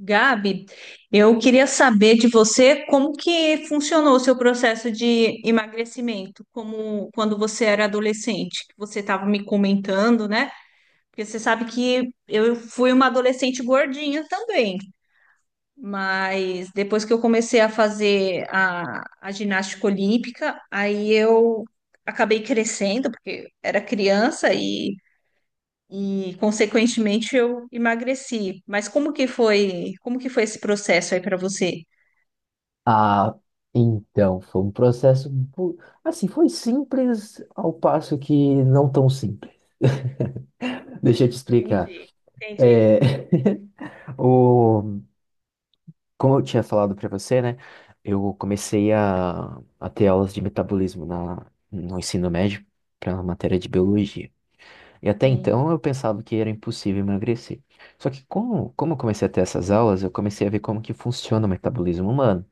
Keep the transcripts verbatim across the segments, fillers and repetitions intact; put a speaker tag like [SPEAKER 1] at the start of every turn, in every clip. [SPEAKER 1] Gabi, eu queria saber de você como que funcionou o seu processo de emagrecimento, como quando você era adolescente, que você estava me comentando, né? Porque você sabe que eu fui uma adolescente gordinha também, mas depois que eu comecei a fazer a, a ginástica olímpica, aí eu acabei crescendo, porque era criança e consequentemente eu emagreci. Mas como que foi, como que foi esse processo aí para você?
[SPEAKER 2] Ah, então, foi um processo, bu- assim, foi simples ao passo que não tão simples. Deixa eu te explicar.
[SPEAKER 1] Entendi, entendi.
[SPEAKER 2] É, o, como eu tinha falado para você, né, eu comecei a, a ter aulas de metabolismo na, no ensino médio para a matéria de biologia. E até
[SPEAKER 1] Sim,
[SPEAKER 2] então eu pensava que era impossível emagrecer. Só que como, como eu comecei a ter essas aulas, eu comecei a ver como que funciona o metabolismo humano,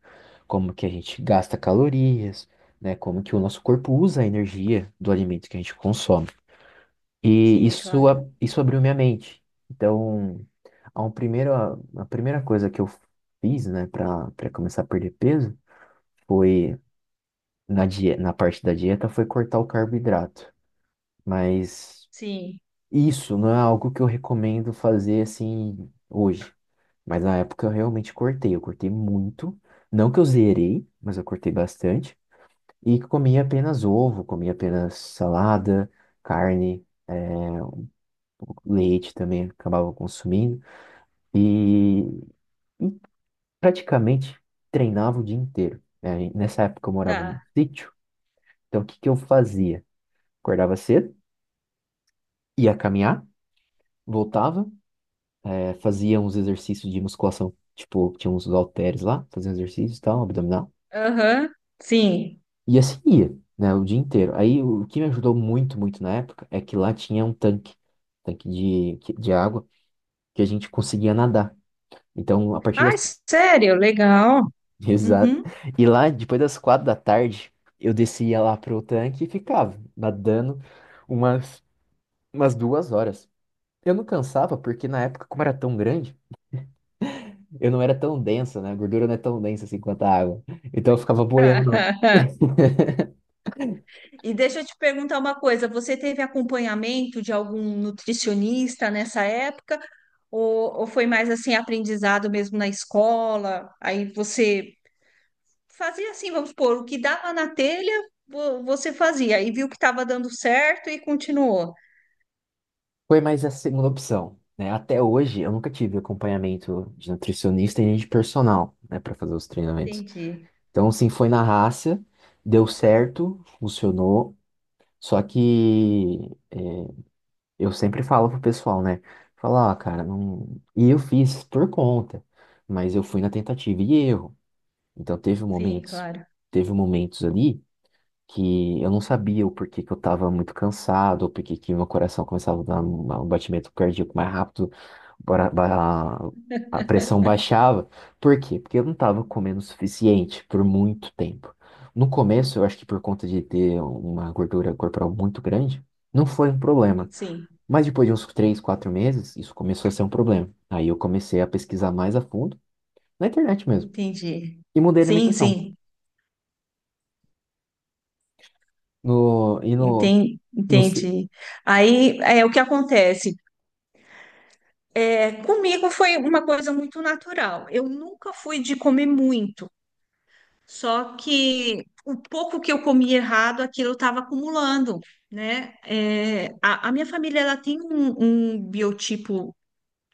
[SPEAKER 2] como que a gente gasta calorias, né? Como que o nosso corpo usa a energia do alimento que a gente consome. E
[SPEAKER 1] sim,
[SPEAKER 2] isso,
[SPEAKER 1] claro.
[SPEAKER 2] a- isso abriu minha mente. Então, a, um primeiro, a primeira coisa que eu fiz, né, para para começar a perder peso foi na, die- na parte da dieta foi cortar o carboidrato. Mas
[SPEAKER 1] Sim,
[SPEAKER 2] isso não é algo que eu recomendo fazer assim hoje. Mas na época eu realmente cortei, eu cortei muito. Não que eu zerei, mas eu cortei bastante. E comia apenas ovo, comia apenas salada, carne, eh, leite também acabava consumindo. E praticamente treinava o dia inteiro, né? Nessa época eu morava num
[SPEAKER 1] tá.
[SPEAKER 2] sítio, então o que que eu fazia? Acordava cedo, ia caminhar, voltava, eh, fazia uns exercícios de musculação. Tipo, tinha uns halteres lá, fazia uns exercícios e tal, abdominal.
[SPEAKER 1] Aham. Sim.
[SPEAKER 2] E assim ia, né, o dia inteiro. Aí o que me ajudou muito, muito na época é que lá tinha um tanque, tanque de, de água, que a gente conseguia nadar. Então, a partir
[SPEAKER 1] Ai,
[SPEAKER 2] das.
[SPEAKER 1] sério, legal.
[SPEAKER 2] Exato.
[SPEAKER 1] Uhum.
[SPEAKER 2] E lá, depois das quatro da tarde, eu descia lá pro tanque e ficava nadando umas, umas duas horas. Eu não cansava, porque na época, como era tão grande, eu não era tão densa, né? A gordura não é tão densa assim quanto a água. Então, eu ficava boiando.
[SPEAKER 1] E deixa eu te perguntar uma coisa, você teve acompanhamento de algum nutricionista nessa época? Ou, ou foi mais assim aprendizado mesmo na escola? Aí você fazia assim, vamos supor, o que dava na telha, vo- você fazia, e viu que estava dando certo e continuou.
[SPEAKER 2] Foi mais a segunda opção, né? Até hoje, eu nunca tive acompanhamento de nutricionista e nem de personal, né, para fazer os treinamentos.
[SPEAKER 1] Entendi.
[SPEAKER 2] Então, assim, foi na raça, deu certo, funcionou. Só que eu sempre falo pro pessoal, né? Falar, ah, cara, não. E eu fiz por conta, mas eu fui na tentativa e erro. Então teve
[SPEAKER 1] Sim,
[SPEAKER 2] momentos,
[SPEAKER 1] claro.
[SPEAKER 2] teve momentos ali que eu não sabia o porquê que eu tava muito cansado, ou porquê que meu coração começava a dar um um batimento cardíaco mais rápido, bora- ba- a pressão baixava. Por quê? Porque eu não estava comendo o suficiente por muito tempo. No começo, eu acho que por conta de ter uma gordura corporal muito grande, não foi um problema.
[SPEAKER 1] Sim,
[SPEAKER 2] Mas depois de uns três, quatro meses, isso começou a ser um problema. Aí eu comecei a pesquisar mais a fundo, na internet mesmo,
[SPEAKER 1] entendi.
[SPEAKER 2] e mudei a
[SPEAKER 1] Sim,
[SPEAKER 2] alimentação.
[SPEAKER 1] sim,
[SPEAKER 2] No, e no,
[SPEAKER 1] Enten-
[SPEAKER 2] no... se-
[SPEAKER 1] entendi. Aí é o que acontece. É, comigo foi uma coisa muito natural. Eu nunca fui de comer muito, só que o pouco que eu comi errado, aquilo eu estava acumulando, né? É, a, a minha família ela tem um, um biotipo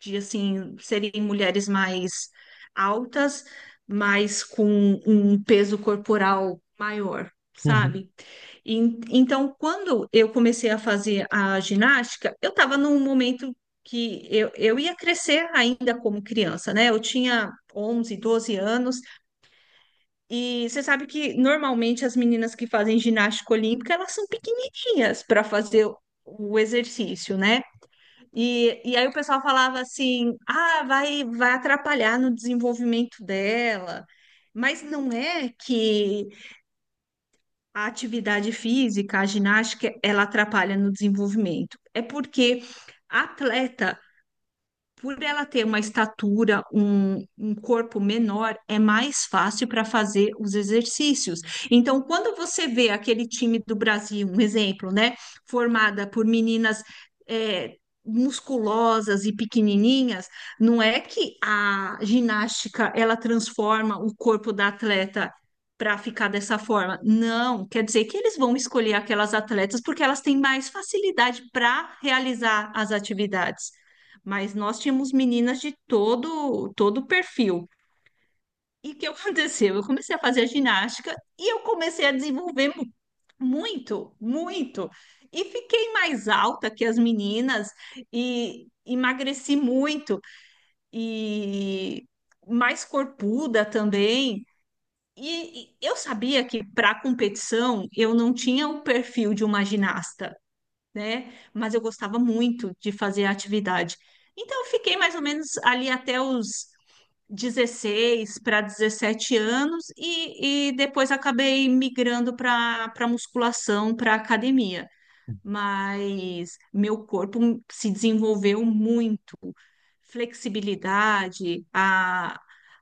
[SPEAKER 1] de assim serem mulheres mais altas, mas com um peso corporal maior,
[SPEAKER 2] Uhum,
[SPEAKER 1] sabe? E, então, quando eu comecei a fazer a ginástica, eu estava num momento que eu, eu ia crescer ainda como criança, né? Eu tinha onze, doze anos, e você sabe que normalmente as meninas que fazem ginástica olímpica, elas são pequenininhas para fazer o exercício, né? E, e aí o pessoal falava assim: ah, vai, vai atrapalhar no desenvolvimento dela. Mas não é que a atividade física, a ginástica, ela atrapalha no desenvolvimento. É porque a atleta, por ela ter uma estatura, um, um corpo menor, é mais fácil para fazer os exercícios. Então, quando você vê aquele time do Brasil, um exemplo, né, formada por meninas é, musculosas e pequenininhas, não é que a ginástica ela transforma o corpo da atleta para ficar dessa forma. Não, quer dizer que eles vão escolher aquelas atletas porque elas têm mais facilidade para realizar as atividades, mas nós tínhamos meninas de todo todo o perfil. E o que aconteceu? Eu comecei a fazer a ginástica e eu comecei a desenvolver mu- muito, muito. E fiquei mais alta que as meninas e emagreci muito e mais corpuda também. E e eu sabia que para competição eu não tinha o perfil de uma ginasta, né? Mas eu gostava muito de fazer a atividade. Então, eu fiquei mais ou menos ali até os dezesseis para dezessete anos e, e depois acabei migrando para para musculação, para academia. Mas meu corpo se desenvolveu muito. Flexibilidade, a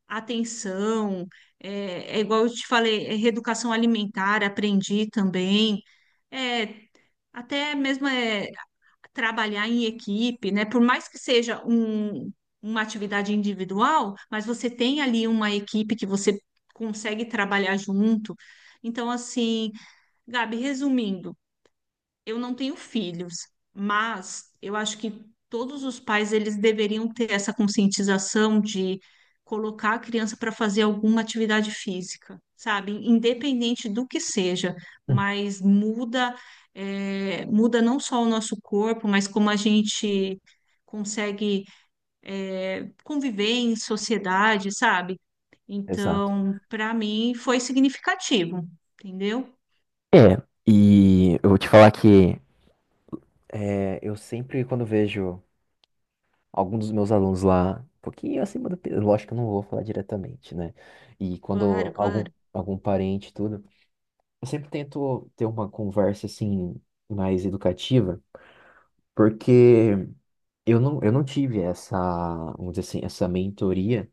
[SPEAKER 1] atenção, é, é igual eu te falei, é reeducação alimentar, aprendi também. É, até mesmo é trabalhar em equipe, né? Por mais que seja um, uma atividade individual, mas você tem ali uma equipe que você consegue trabalhar junto. Então, assim, Gabi, resumindo, eu não tenho filhos, mas eu acho que todos os pais eles deveriam ter essa conscientização de colocar a criança para fazer alguma atividade física, sabe? Independente do que seja,
[SPEAKER 2] uhum.
[SPEAKER 1] mas muda, é, muda não só o nosso corpo, mas como a gente consegue, é, conviver em sociedade, sabe?
[SPEAKER 2] Exato.
[SPEAKER 1] Então, para mim foi significativo, entendeu?
[SPEAKER 2] É, e eu vou te falar que é, eu sempre, quando vejo algum dos meus alunos lá, um pouquinho acima do peso, lógico que eu não vou falar diretamente, né? E quando
[SPEAKER 1] Claro,
[SPEAKER 2] algum,
[SPEAKER 1] claro.
[SPEAKER 2] algum parente, e tudo, eu sempre tento ter uma conversa assim, mais educativa, porque eu não, eu não tive essa, vamos dizer assim, essa mentoria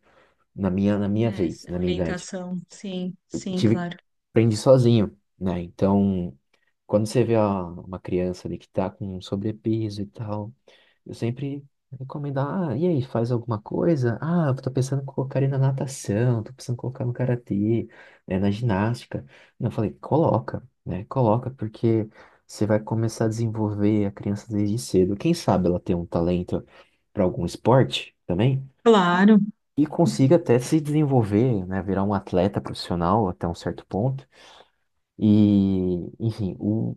[SPEAKER 2] na minha, na minha
[SPEAKER 1] É,
[SPEAKER 2] vez,
[SPEAKER 1] essa
[SPEAKER 2] na minha idade.
[SPEAKER 1] orientação, sim, sim,
[SPEAKER 2] Tive,
[SPEAKER 1] claro.
[SPEAKER 2] aprendi sozinho, né? Então, quando você vê a- uma criança ali que tá com sobrepeso e tal. Eu sempre recomendo, ah, e aí, faz alguma coisa? Ah, eu tô pensando em colocar ele na natação, tô pensando em colocar no karatê, né, na ginástica. E eu falei, coloca, né? Coloca, porque você vai começar a desenvolver a criança desde cedo. Quem sabe ela tem um talento para algum esporte também
[SPEAKER 1] Claro,
[SPEAKER 2] e consiga até se desenvolver, né, virar um atleta profissional até um certo ponto. E, enfim, o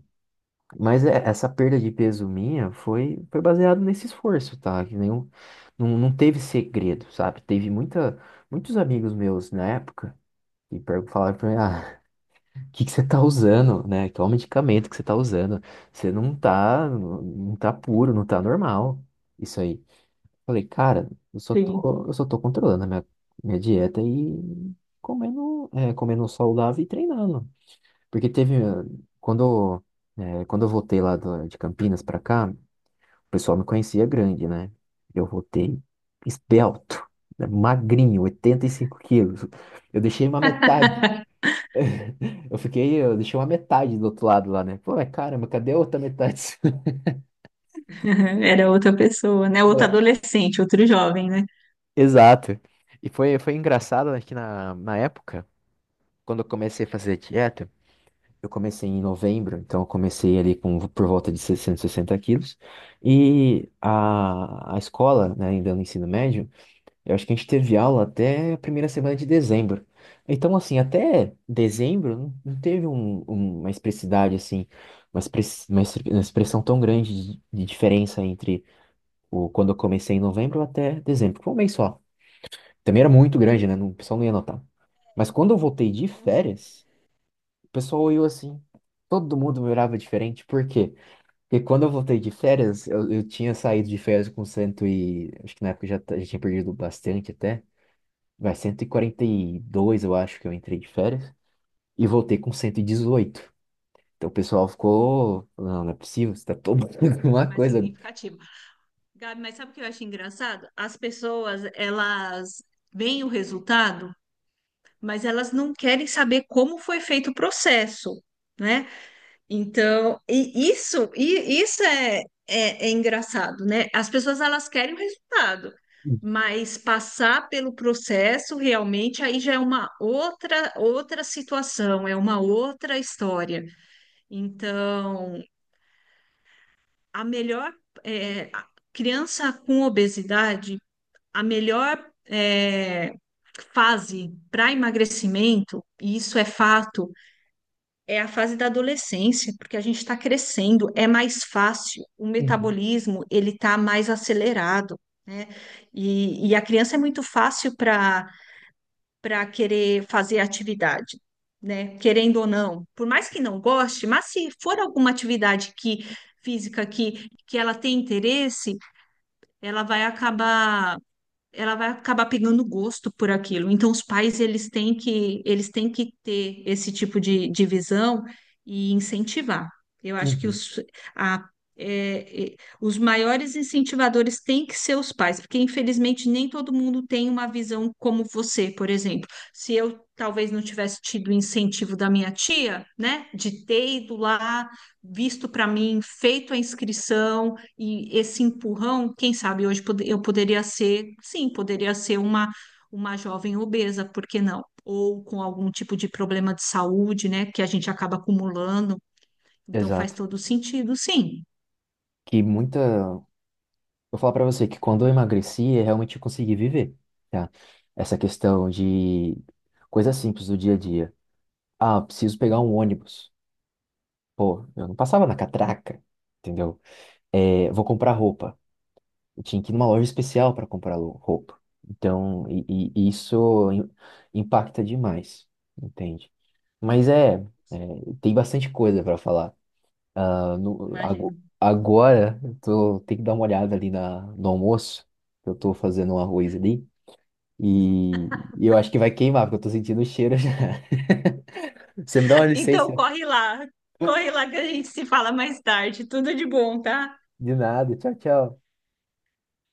[SPEAKER 2] mas é- essa perda de peso minha foi, foi baseado nesse esforço, tá? Que nenhum, não, não teve segredo, sabe? Teve muita, muitos amigos meus na época que per- falaram pra mim, ah, o que que você tá usando, né? Qual medicamento que você tá usando? Você não tá, não não tá puro, não tá normal. Isso aí. Falei, cara, eu só
[SPEAKER 1] sim.
[SPEAKER 2] tô, eu só tô controlando a minha, minha dieta e comendo, é, comendo saudável e treinando. Porque teve, eh, quando, eh, quando eu voltei lá do- de Campinas pra cá, o pessoal me conhecia grande, né? Eu voltei esbelto, né, magrinho, oitenta e cinco quilos. Eu deixei uma metade. Eu fiquei, eu deixei uma metade do outro lado lá, né? Pô, mas caramba, cadê a outra metade?
[SPEAKER 1] Era outra pessoa, né? Outro
[SPEAKER 2] Ué,
[SPEAKER 1] adolescente, outro jovem, né?
[SPEAKER 2] exato. E foi, foi engraçado, né, que na, na época, quando eu comecei a fazer dieta. Eu comecei em novembro, então eu comecei ali com por volta de seiscentos e sessenta quilos. E a, a escola, né, ainda no ensino médio, eu acho que a gente teve aula até a primeira semana de dezembro. Então, assim, até dezembro não não teve um- um- uma expressidade, assim, uma, express- uma exp- uma expressão tão grande de, de diferença entre o, quando eu comecei em novembro até dezembro. Foi um mês só. Também era
[SPEAKER 1] Sim,
[SPEAKER 2] muito grande,
[SPEAKER 1] claro,
[SPEAKER 2] né? não- O pessoal não ia notar. Mas quando eu voltei de
[SPEAKER 1] com
[SPEAKER 2] férias. O pessoal olhou
[SPEAKER 1] certeza.
[SPEAKER 2] assim. Todo mundo me olhava diferente. Por quê? Porque quando eu voltei de férias, eu, eu tinha saído de férias com cento e... Acho que na época eu já, ta- já tinha perdido bastante até. Vai, cento e e quarenta e dois, eu acho que eu entrei de férias. E voltei com cento e dezoito. Então o pessoal ficou... Não, não é possível. Você tá tomando
[SPEAKER 1] Foi
[SPEAKER 2] alguma
[SPEAKER 1] mais
[SPEAKER 2] coisa.
[SPEAKER 1] significativo. Gabi, mas sabe o que eu acho engraçado? As pessoas, elas veem o resultado, mas elas não querem saber como foi feito o processo, né? Então, e isso, e isso é, é, é engraçado, né? As pessoas elas querem o resultado, mas passar pelo processo realmente aí já é uma outra outra situação, é uma outra história. Então, a melhor é, a criança com obesidade, a melhor é, fase para emagrecimento, e isso é fato. É a fase da adolescência, porque a gente está crescendo, é mais fácil, o
[SPEAKER 2] Uhum,
[SPEAKER 1] metabolismo ele está mais acelerado, né? E, e a criança é muito fácil para para querer fazer atividade, né? Querendo ou não, por mais que não goste, mas se for alguma atividade que física que, que ela tem interesse, ela vai acabar ela vai acabar pegando gosto por aquilo. Então, os pais, eles têm que, eles têm que ter esse tipo de, de visão e incentivar. Eu acho que
[SPEAKER 2] uhum.
[SPEAKER 1] os, a, é, é, os maiores incentivadores têm que ser os pais, porque, infelizmente, nem todo mundo tem uma visão como você, por exemplo. Se eu talvez não tivesse tido o incentivo da minha tia, né, de ter ido lá, visto para mim, feito a inscrição, e esse empurrão, quem sabe hoje pode- eu poderia ser, sim, poderia ser uma, uma jovem obesa, por que não? Ou com algum tipo de problema de saúde, né, que a gente acaba acumulando. Então faz
[SPEAKER 2] Exato.
[SPEAKER 1] todo sentido, sim.
[SPEAKER 2] Que muita... Vou falar pra você que quando eu emagreci, eu realmente consegui viver. Tá? Essa questão de coisas simples do dia a dia. Ah, preciso pegar um ônibus. Pô, eu não passava na catraca, entendeu? É, vou comprar roupa. Eu tinha que ir numa loja especial para comprar lo- roupa. Então, e, e- e isso im- impacta demais, entende? Mas é, é,
[SPEAKER 1] Você
[SPEAKER 2] tem bastante coisa para falar. Ah, no-
[SPEAKER 1] imagina.
[SPEAKER 2] ago- agora, eu tô, tenho que dar uma olhada ali na, no almoço, que eu tô fazendo um arroz ali. E, e eu acho que vai queimar, porque eu tô sentindo o cheiro já. Você me dá uma
[SPEAKER 1] Então
[SPEAKER 2] licença?
[SPEAKER 1] corre lá, corre lá que a gente se fala mais tarde. Tudo de bom, tá?
[SPEAKER 2] De nada. Tchau, tchau.